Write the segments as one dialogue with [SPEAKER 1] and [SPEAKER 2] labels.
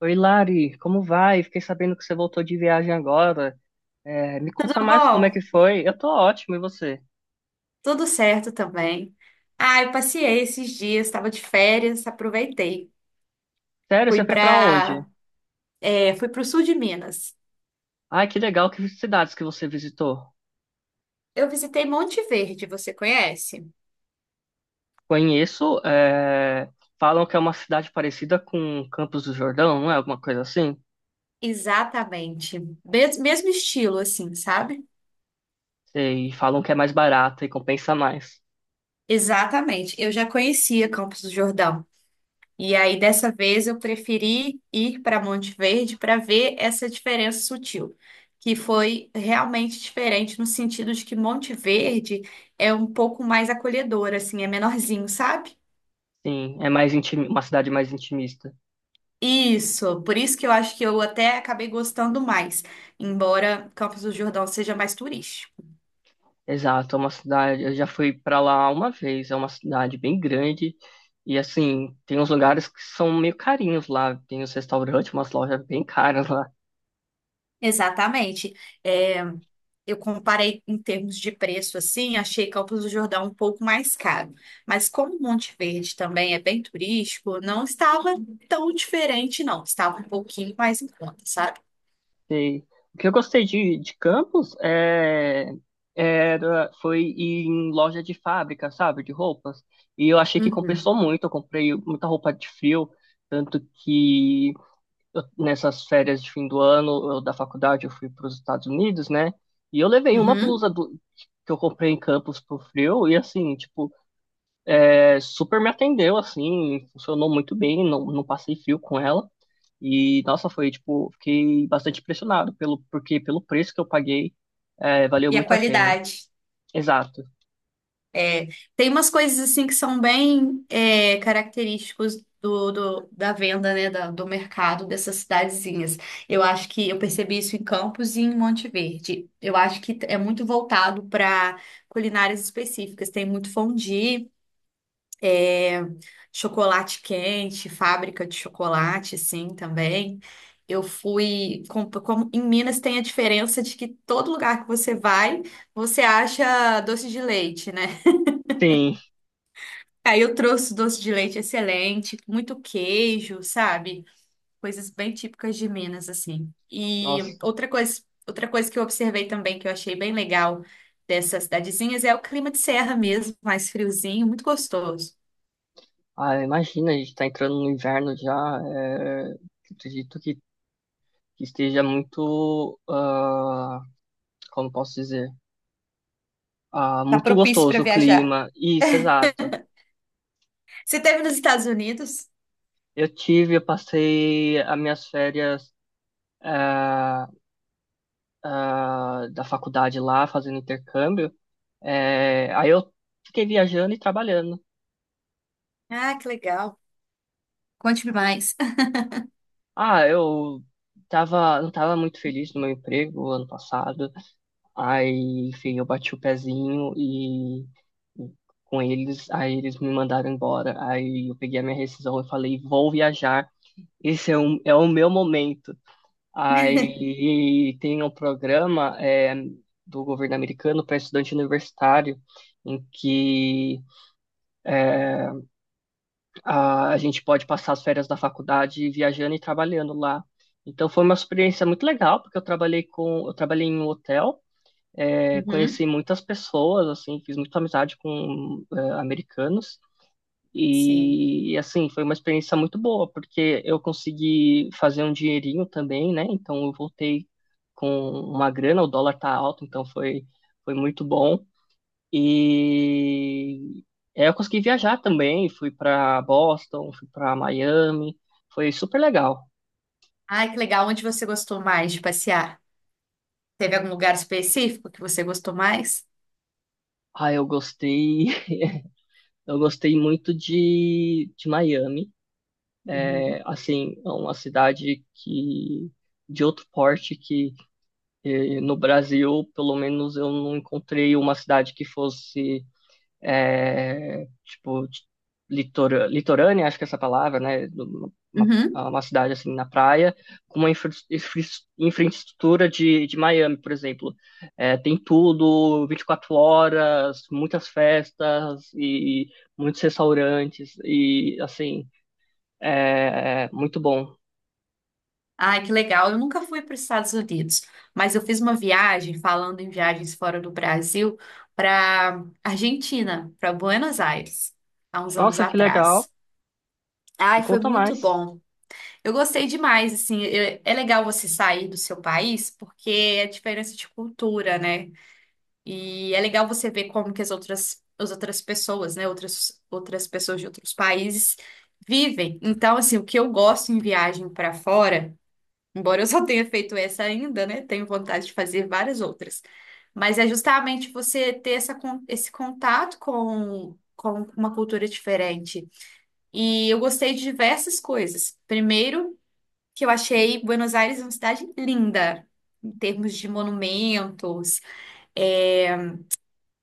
[SPEAKER 1] Oi, Lari, como vai? Fiquei sabendo que você voltou de viagem agora. Me conta
[SPEAKER 2] Avó,
[SPEAKER 1] mais como é que foi. Eu tô ótimo, e você?
[SPEAKER 2] tudo certo também. Ah, eu passeei esses dias, estava de férias, aproveitei.
[SPEAKER 1] Sério,
[SPEAKER 2] Fui
[SPEAKER 1] você foi pra onde?
[SPEAKER 2] para, Fui para o sul de Minas.
[SPEAKER 1] Ai, que legal, que cidades que você visitou.
[SPEAKER 2] Eu visitei Monte Verde, você conhece?
[SPEAKER 1] Conheço, falam que é uma cidade parecida com Campos do Jordão, não é? Alguma coisa assim?
[SPEAKER 2] Exatamente. Mesmo estilo, assim, sabe?
[SPEAKER 1] E falam que é mais barata e compensa mais.
[SPEAKER 2] Exatamente. Eu já conhecia Campos do Jordão. E aí, dessa vez, eu preferi ir para Monte Verde para ver essa diferença sutil, que foi realmente diferente no sentido de que Monte Verde é um pouco mais acolhedor, assim, é menorzinho, sabe?
[SPEAKER 1] Sim, é mais uma cidade mais intimista.
[SPEAKER 2] Isso, por isso que eu acho que eu até acabei gostando mais, embora Campos do Jordão seja mais turístico.
[SPEAKER 1] Exato, é uma cidade. Eu já fui para lá uma vez. É uma cidade bem grande e assim tem uns lugares que são meio carinhos lá. Tem os restaurantes, umas lojas bem caras lá.
[SPEAKER 2] Exatamente. É, eu comparei em termos de preço, assim, achei Campos do Jordão um pouco mais caro. Mas como Monte Verde também é bem turístico, não estava tão diferente, não. Estava um pouquinho mais em conta, sabe?
[SPEAKER 1] E o que eu gostei de Campos era foi ir em loja de fábrica, sabe, de roupas. E eu achei que compensou
[SPEAKER 2] Uhum,
[SPEAKER 1] muito. Eu comprei muita roupa de frio, tanto que nessas férias de fim do ano da faculdade, eu fui para os Estados Unidos, né? E eu levei uma
[SPEAKER 2] uhum.
[SPEAKER 1] que eu comprei em Campos pro frio e assim, tipo, super me atendeu, assim, funcionou muito bem, não passei frio com ela. E nossa, foi tipo, fiquei bastante impressionado pelo preço que eu paguei, valeu
[SPEAKER 2] E a
[SPEAKER 1] muito a pena.
[SPEAKER 2] qualidade?
[SPEAKER 1] Exato.
[SPEAKER 2] É, Tem umas coisas assim que são bem característicos da venda, né, do mercado dessas cidadezinhas. Eu acho que eu percebi isso em Campos e em Monte Verde. Eu acho que é muito voltado para culinárias específicas. Tem muito fondue, chocolate quente, fábrica de chocolate, assim, também. Como em Minas tem a diferença de que todo lugar que você vai, você acha doce de leite, né?
[SPEAKER 1] Sim.
[SPEAKER 2] Aí eu trouxe doce de leite excelente, muito queijo, sabe? Coisas bem típicas de Minas, assim.
[SPEAKER 1] Nossa,
[SPEAKER 2] Outra coisa que eu observei também, que eu achei bem legal dessas cidadezinhas, é o clima de serra mesmo, mais friozinho, muito gostoso.
[SPEAKER 1] ah, imagina, a gente tá entrando no inverno já, acredito que esteja muito, ah, como posso dizer? Ah,
[SPEAKER 2] Tá
[SPEAKER 1] muito
[SPEAKER 2] propício para
[SPEAKER 1] gostoso o
[SPEAKER 2] viajar.
[SPEAKER 1] clima. Isso, exato.
[SPEAKER 2] Você esteve nos Estados Unidos?
[SPEAKER 1] Eu tive, eu passei as minhas férias ah, da faculdade lá, fazendo intercâmbio. Aí eu fiquei viajando e trabalhando.
[SPEAKER 2] Ah, que legal. Conte-me mais.
[SPEAKER 1] Ah, eu tava, não tava muito feliz no meu emprego ano passado. Aí, enfim, eu bati o pezinho e com eles, aí eles me mandaram embora. Aí eu peguei a minha rescisão e falei, vou viajar. Esse é, um, é o meu momento. Aí tem um programa do governo americano para estudante universitário, em que é, a gente pode passar as férias da faculdade viajando e trabalhando lá. Então foi uma experiência muito legal, porque eu trabalhei em um hotel,
[SPEAKER 2] Uhum,
[SPEAKER 1] conheci muitas pessoas, assim, fiz muita amizade com americanos
[SPEAKER 2] sim.
[SPEAKER 1] e assim, foi uma experiência muito boa, porque eu consegui fazer um dinheirinho também, né? Então eu voltei com uma grana, o dólar tá alto, então foi muito bom. E eu consegui viajar também, fui para Boston, fui para Miami, foi super legal.
[SPEAKER 2] Ai, que legal. Onde você gostou mais de passear? Teve algum lugar específico que você gostou mais?
[SPEAKER 1] Ah, eu gostei, eu gostei muito de Miami.
[SPEAKER 2] Uhum.
[SPEAKER 1] É, assim, é uma cidade que de outro porte que e no Brasil, pelo menos, eu não encontrei uma cidade que fosse, tipo, litorânea, acho que é essa palavra, né?
[SPEAKER 2] Uhum.
[SPEAKER 1] Uma cidade assim na praia, com uma infraestrutura de Miami, por exemplo. É, tem tudo, 24 horas, muitas festas e muitos restaurantes, e assim, é muito bom.
[SPEAKER 2] Ai, que legal. Eu nunca fui para os Estados Unidos, mas eu fiz uma viagem, falando em viagens fora do Brasil, para Argentina, para Buenos Aires, há uns anos
[SPEAKER 1] Nossa, que legal!
[SPEAKER 2] atrás.
[SPEAKER 1] Me
[SPEAKER 2] Ai, foi
[SPEAKER 1] conta
[SPEAKER 2] muito
[SPEAKER 1] mais.
[SPEAKER 2] bom. Eu gostei demais, assim, é legal você sair do seu país porque é diferença de cultura, né? E é legal você ver como que as outras pessoas, né, outras pessoas de outros países vivem. Então, assim, o que eu gosto em viagem para fora. Embora eu só tenha feito essa ainda, né? Tenho vontade de fazer várias outras. Mas é justamente você ter esse contato com uma cultura diferente. E eu gostei de diversas coisas. Primeiro, que eu achei Buenos Aires uma cidade linda, em termos de monumentos, é,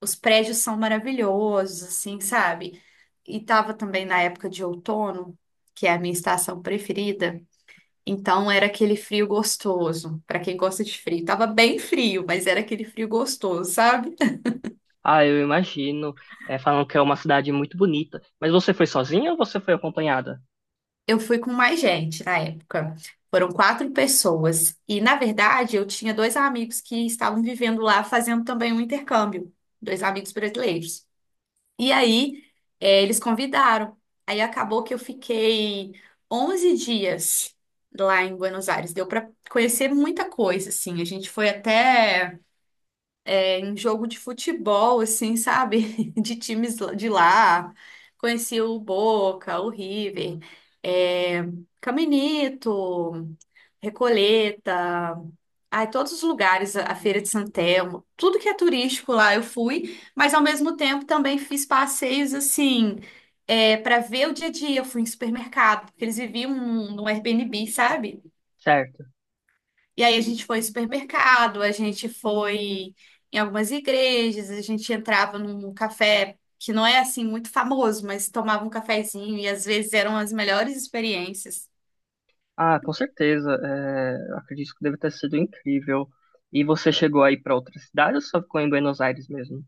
[SPEAKER 2] os prédios são maravilhosos, assim, sabe? E estava também na época de outono, que é a minha estação preferida. Então era aquele frio gostoso, pra quem gosta de frio. Tava bem frio, mas era aquele frio gostoso, sabe?
[SPEAKER 1] Ah, eu imagino. É, falam que é uma cidade muito bonita. Mas você foi sozinha ou você foi acompanhada?
[SPEAKER 2] Eu fui com mais gente na época. Foram quatro pessoas. E, na verdade, eu tinha dois amigos que estavam vivendo lá, fazendo também um intercâmbio. Dois amigos brasileiros. E aí, Eles convidaram. Aí acabou que eu fiquei 11 dias lá em Buenos Aires. Deu pra conhecer muita coisa, assim. A gente foi até. É em jogo de futebol, assim, sabe? De de lá. Conheci o Boca, o River, é, Caminito, Recoleta, ai, todos os lugares, a Feira de Santelmo, tudo que é turístico lá eu fui, mas ao mesmo tempo também fiz passeios assim. É, para ver o dia a dia, eu fui em supermercado, porque eles viviam num Airbnb, sabe?
[SPEAKER 1] Certo.
[SPEAKER 2] E aí a gente foi em supermercado, a gente foi em algumas igrejas, a gente entrava num café que não é assim muito famoso, mas tomava um cafezinho e às vezes eram as melhores experiências.
[SPEAKER 1] Ah, com certeza. É, eu acredito que deve ter sido incrível. E você chegou aí para outra cidade ou só ficou em Buenos Aires mesmo?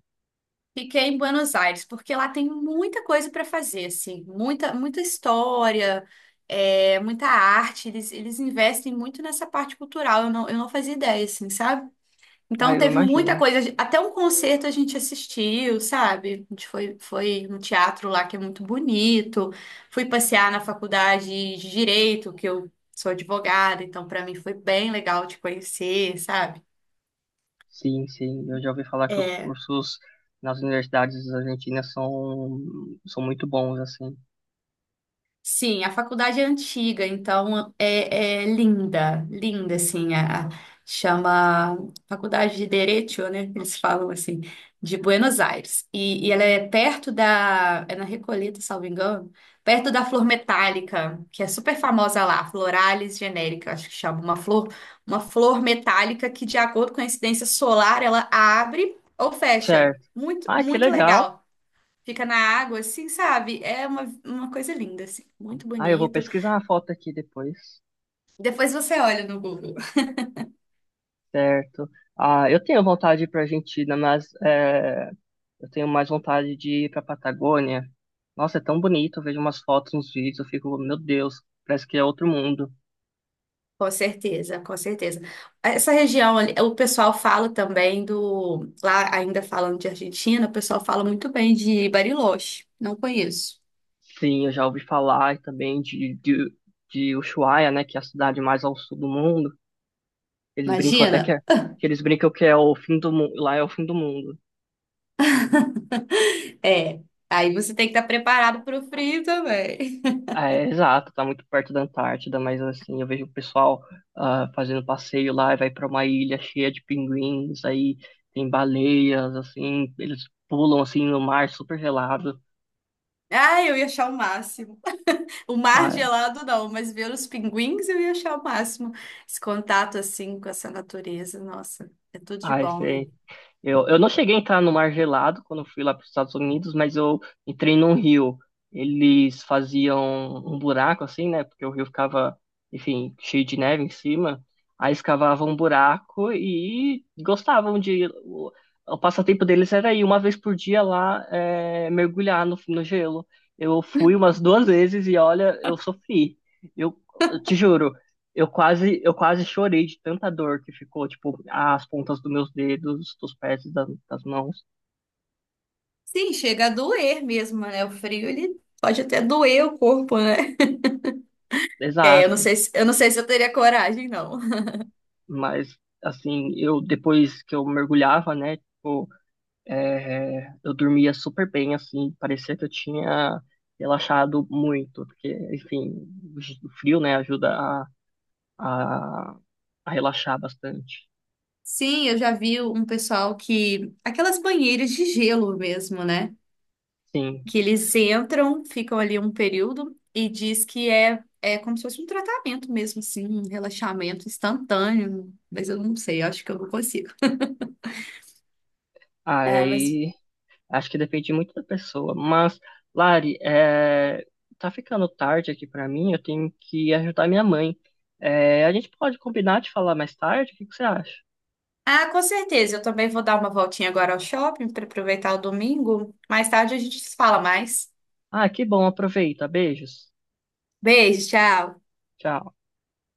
[SPEAKER 2] Fiquei em Buenos Aires, porque lá tem muita coisa para fazer, assim, muita, muita história, muita arte. Eles investem muito nessa parte cultural. Eu não fazia ideia, assim, sabe?
[SPEAKER 1] Ah,
[SPEAKER 2] Então
[SPEAKER 1] eu
[SPEAKER 2] teve muita
[SPEAKER 1] imagino.
[SPEAKER 2] coisa, até um concerto a gente assistiu, sabe? Foi no teatro lá que é muito bonito. Fui passear na faculdade de direito, que eu sou advogada, então para mim foi bem legal te conhecer, sabe?
[SPEAKER 1] Sim, sim. Eu já ouvi falar que os
[SPEAKER 2] É,
[SPEAKER 1] cursos nas universidades argentinas são muito bons, assim.
[SPEAKER 2] Sim, a faculdade é antiga, então é linda, linda, assim, chama Faculdade de Derecho, né? Eles falam assim, de Buenos Aires. E ela é perto da, é na Recoleta, salvo engano, perto da flor metálica, que é super famosa lá, Floralis generica, acho que chama, uma flor metálica que, de acordo com a incidência solar, ela abre ou fecha.
[SPEAKER 1] Certo.
[SPEAKER 2] Muito,
[SPEAKER 1] Ah, que
[SPEAKER 2] muito
[SPEAKER 1] legal.
[SPEAKER 2] legal. Fica na água, assim, sabe? É uma coisa linda, assim, muito
[SPEAKER 1] Ah, eu vou
[SPEAKER 2] bonito.
[SPEAKER 1] pesquisar a foto aqui depois.
[SPEAKER 2] Depois você olha no Google.
[SPEAKER 1] Certo. Ah, eu tenho vontade de ir para Argentina, mas é, eu tenho mais vontade de ir pra Patagônia. Nossa, é tão bonito. Eu vejo umas fotos, uns vídeos, eu fico, meu Deus, parece que é outro mundo.
[SPEAKER 2] Com certeza, com certeza. Essa região ali, o pessoal fala também do. Lá, ainda falando de Argentina, o pessoal fala muito bem de Bariloche. Não conheço.
[SPEAKER 1] Sim, eu já ouvi falar também de Ushuaia, né, que é a cidade mais ao sul do mundo. Eles brincam até que,
[SPEAKER 2] Imagina?
[SPEAKER 1] é, que eles brincam que é o fim do mundo, lá é o fim do mundo.
[SPEAKER 2] É. Aí você tem que estar preparado para o frio também.
[SPEAKER 1] É, exato, tá muito perto da Antártida, mas assim, eu vejo o pessoal ah, fazendo passeio lá e vai para uma ilha cheia de pinguins, aí tem baleias, assim, eles pulam assim no mar super gelado.
[SPEAKER 2] Ah, eu ia achar o máximo. O mar
[SPEAKER 1] Ah,
[SPEAKER 2] gelado não, mas ver os pinguins eu ia achar o máximo. Esse contato assim com essa natureza, nossa, é tudo de
[SPEAKER 1] ai,
[SPEAKER 2] bom, né?
[SPEAKER 1] sei. Eu não cheguei a entrar no mar gelado quando eu fui lá para os Estados Unidos, mas eu entrei num rio. Eles faziam um buraco assim, né? Porque o rio ficava, enfim, cheio de neve em cima. Aí escavavam um buraco e gostavam de. O passatempo deles era ir uma vez por dia lá mergulhar no gelo. Eu fui umas duas vezes e olha, eu sofri. Eu, eu te juro. Eu quase chorei de tanta dor que ficou, tipo, as pontas dos meus dedos, dos pés e das mãos.
[SPEAKER 2] Sim, chega a doer mesmo, né? O frio ele pode até doer o corpo, né? É,
[SPEAKER 1] Exato.
[SPEAKER 2] eu não sei se eu teria coragem, não.
[SPEAKER 1] Mas, assim, eu depois que eu mergulhava, né, tipo, eu dormia super bem, assim, parecia que eu tinha relaxado muito, porque, enfim, o frio, né, ajuda a, a relaxar bastante.
[SPEAKER 2] Sim, eu já vi um pessoal que aquelas banheiras de gelo mesmo, né?
[SPEAKER 1] Sim.
[SPEAKER 2] Que eles entram, ficam ali um período e diz que é como se fosse um tratamento mesmo, assim, um relaxamento instantâneo. Mas eu não sei, eu acho que eu não consigo. É, mas.
[SPEAKER 1] Aí. Acho que depende muito da pessoa. Mas, Lari, tá ficando tarde aqui pra mim, eu tenho que ajudar minha mãe. É, a gente pode combinar de falar mais tarde? O que que você acha?
[SPEAKER 2] Ah, com certeza. Eu também vou dar uma voltinha agora ao shopping para aproveitar o domingo. Mais tarde a gente se fala mais.
[SPEAKER 1] Ah, que bom, aproveita. Beijos.
[SPEAKER 2] Beijo, tchau.
[SPEAKER 1] Tchau.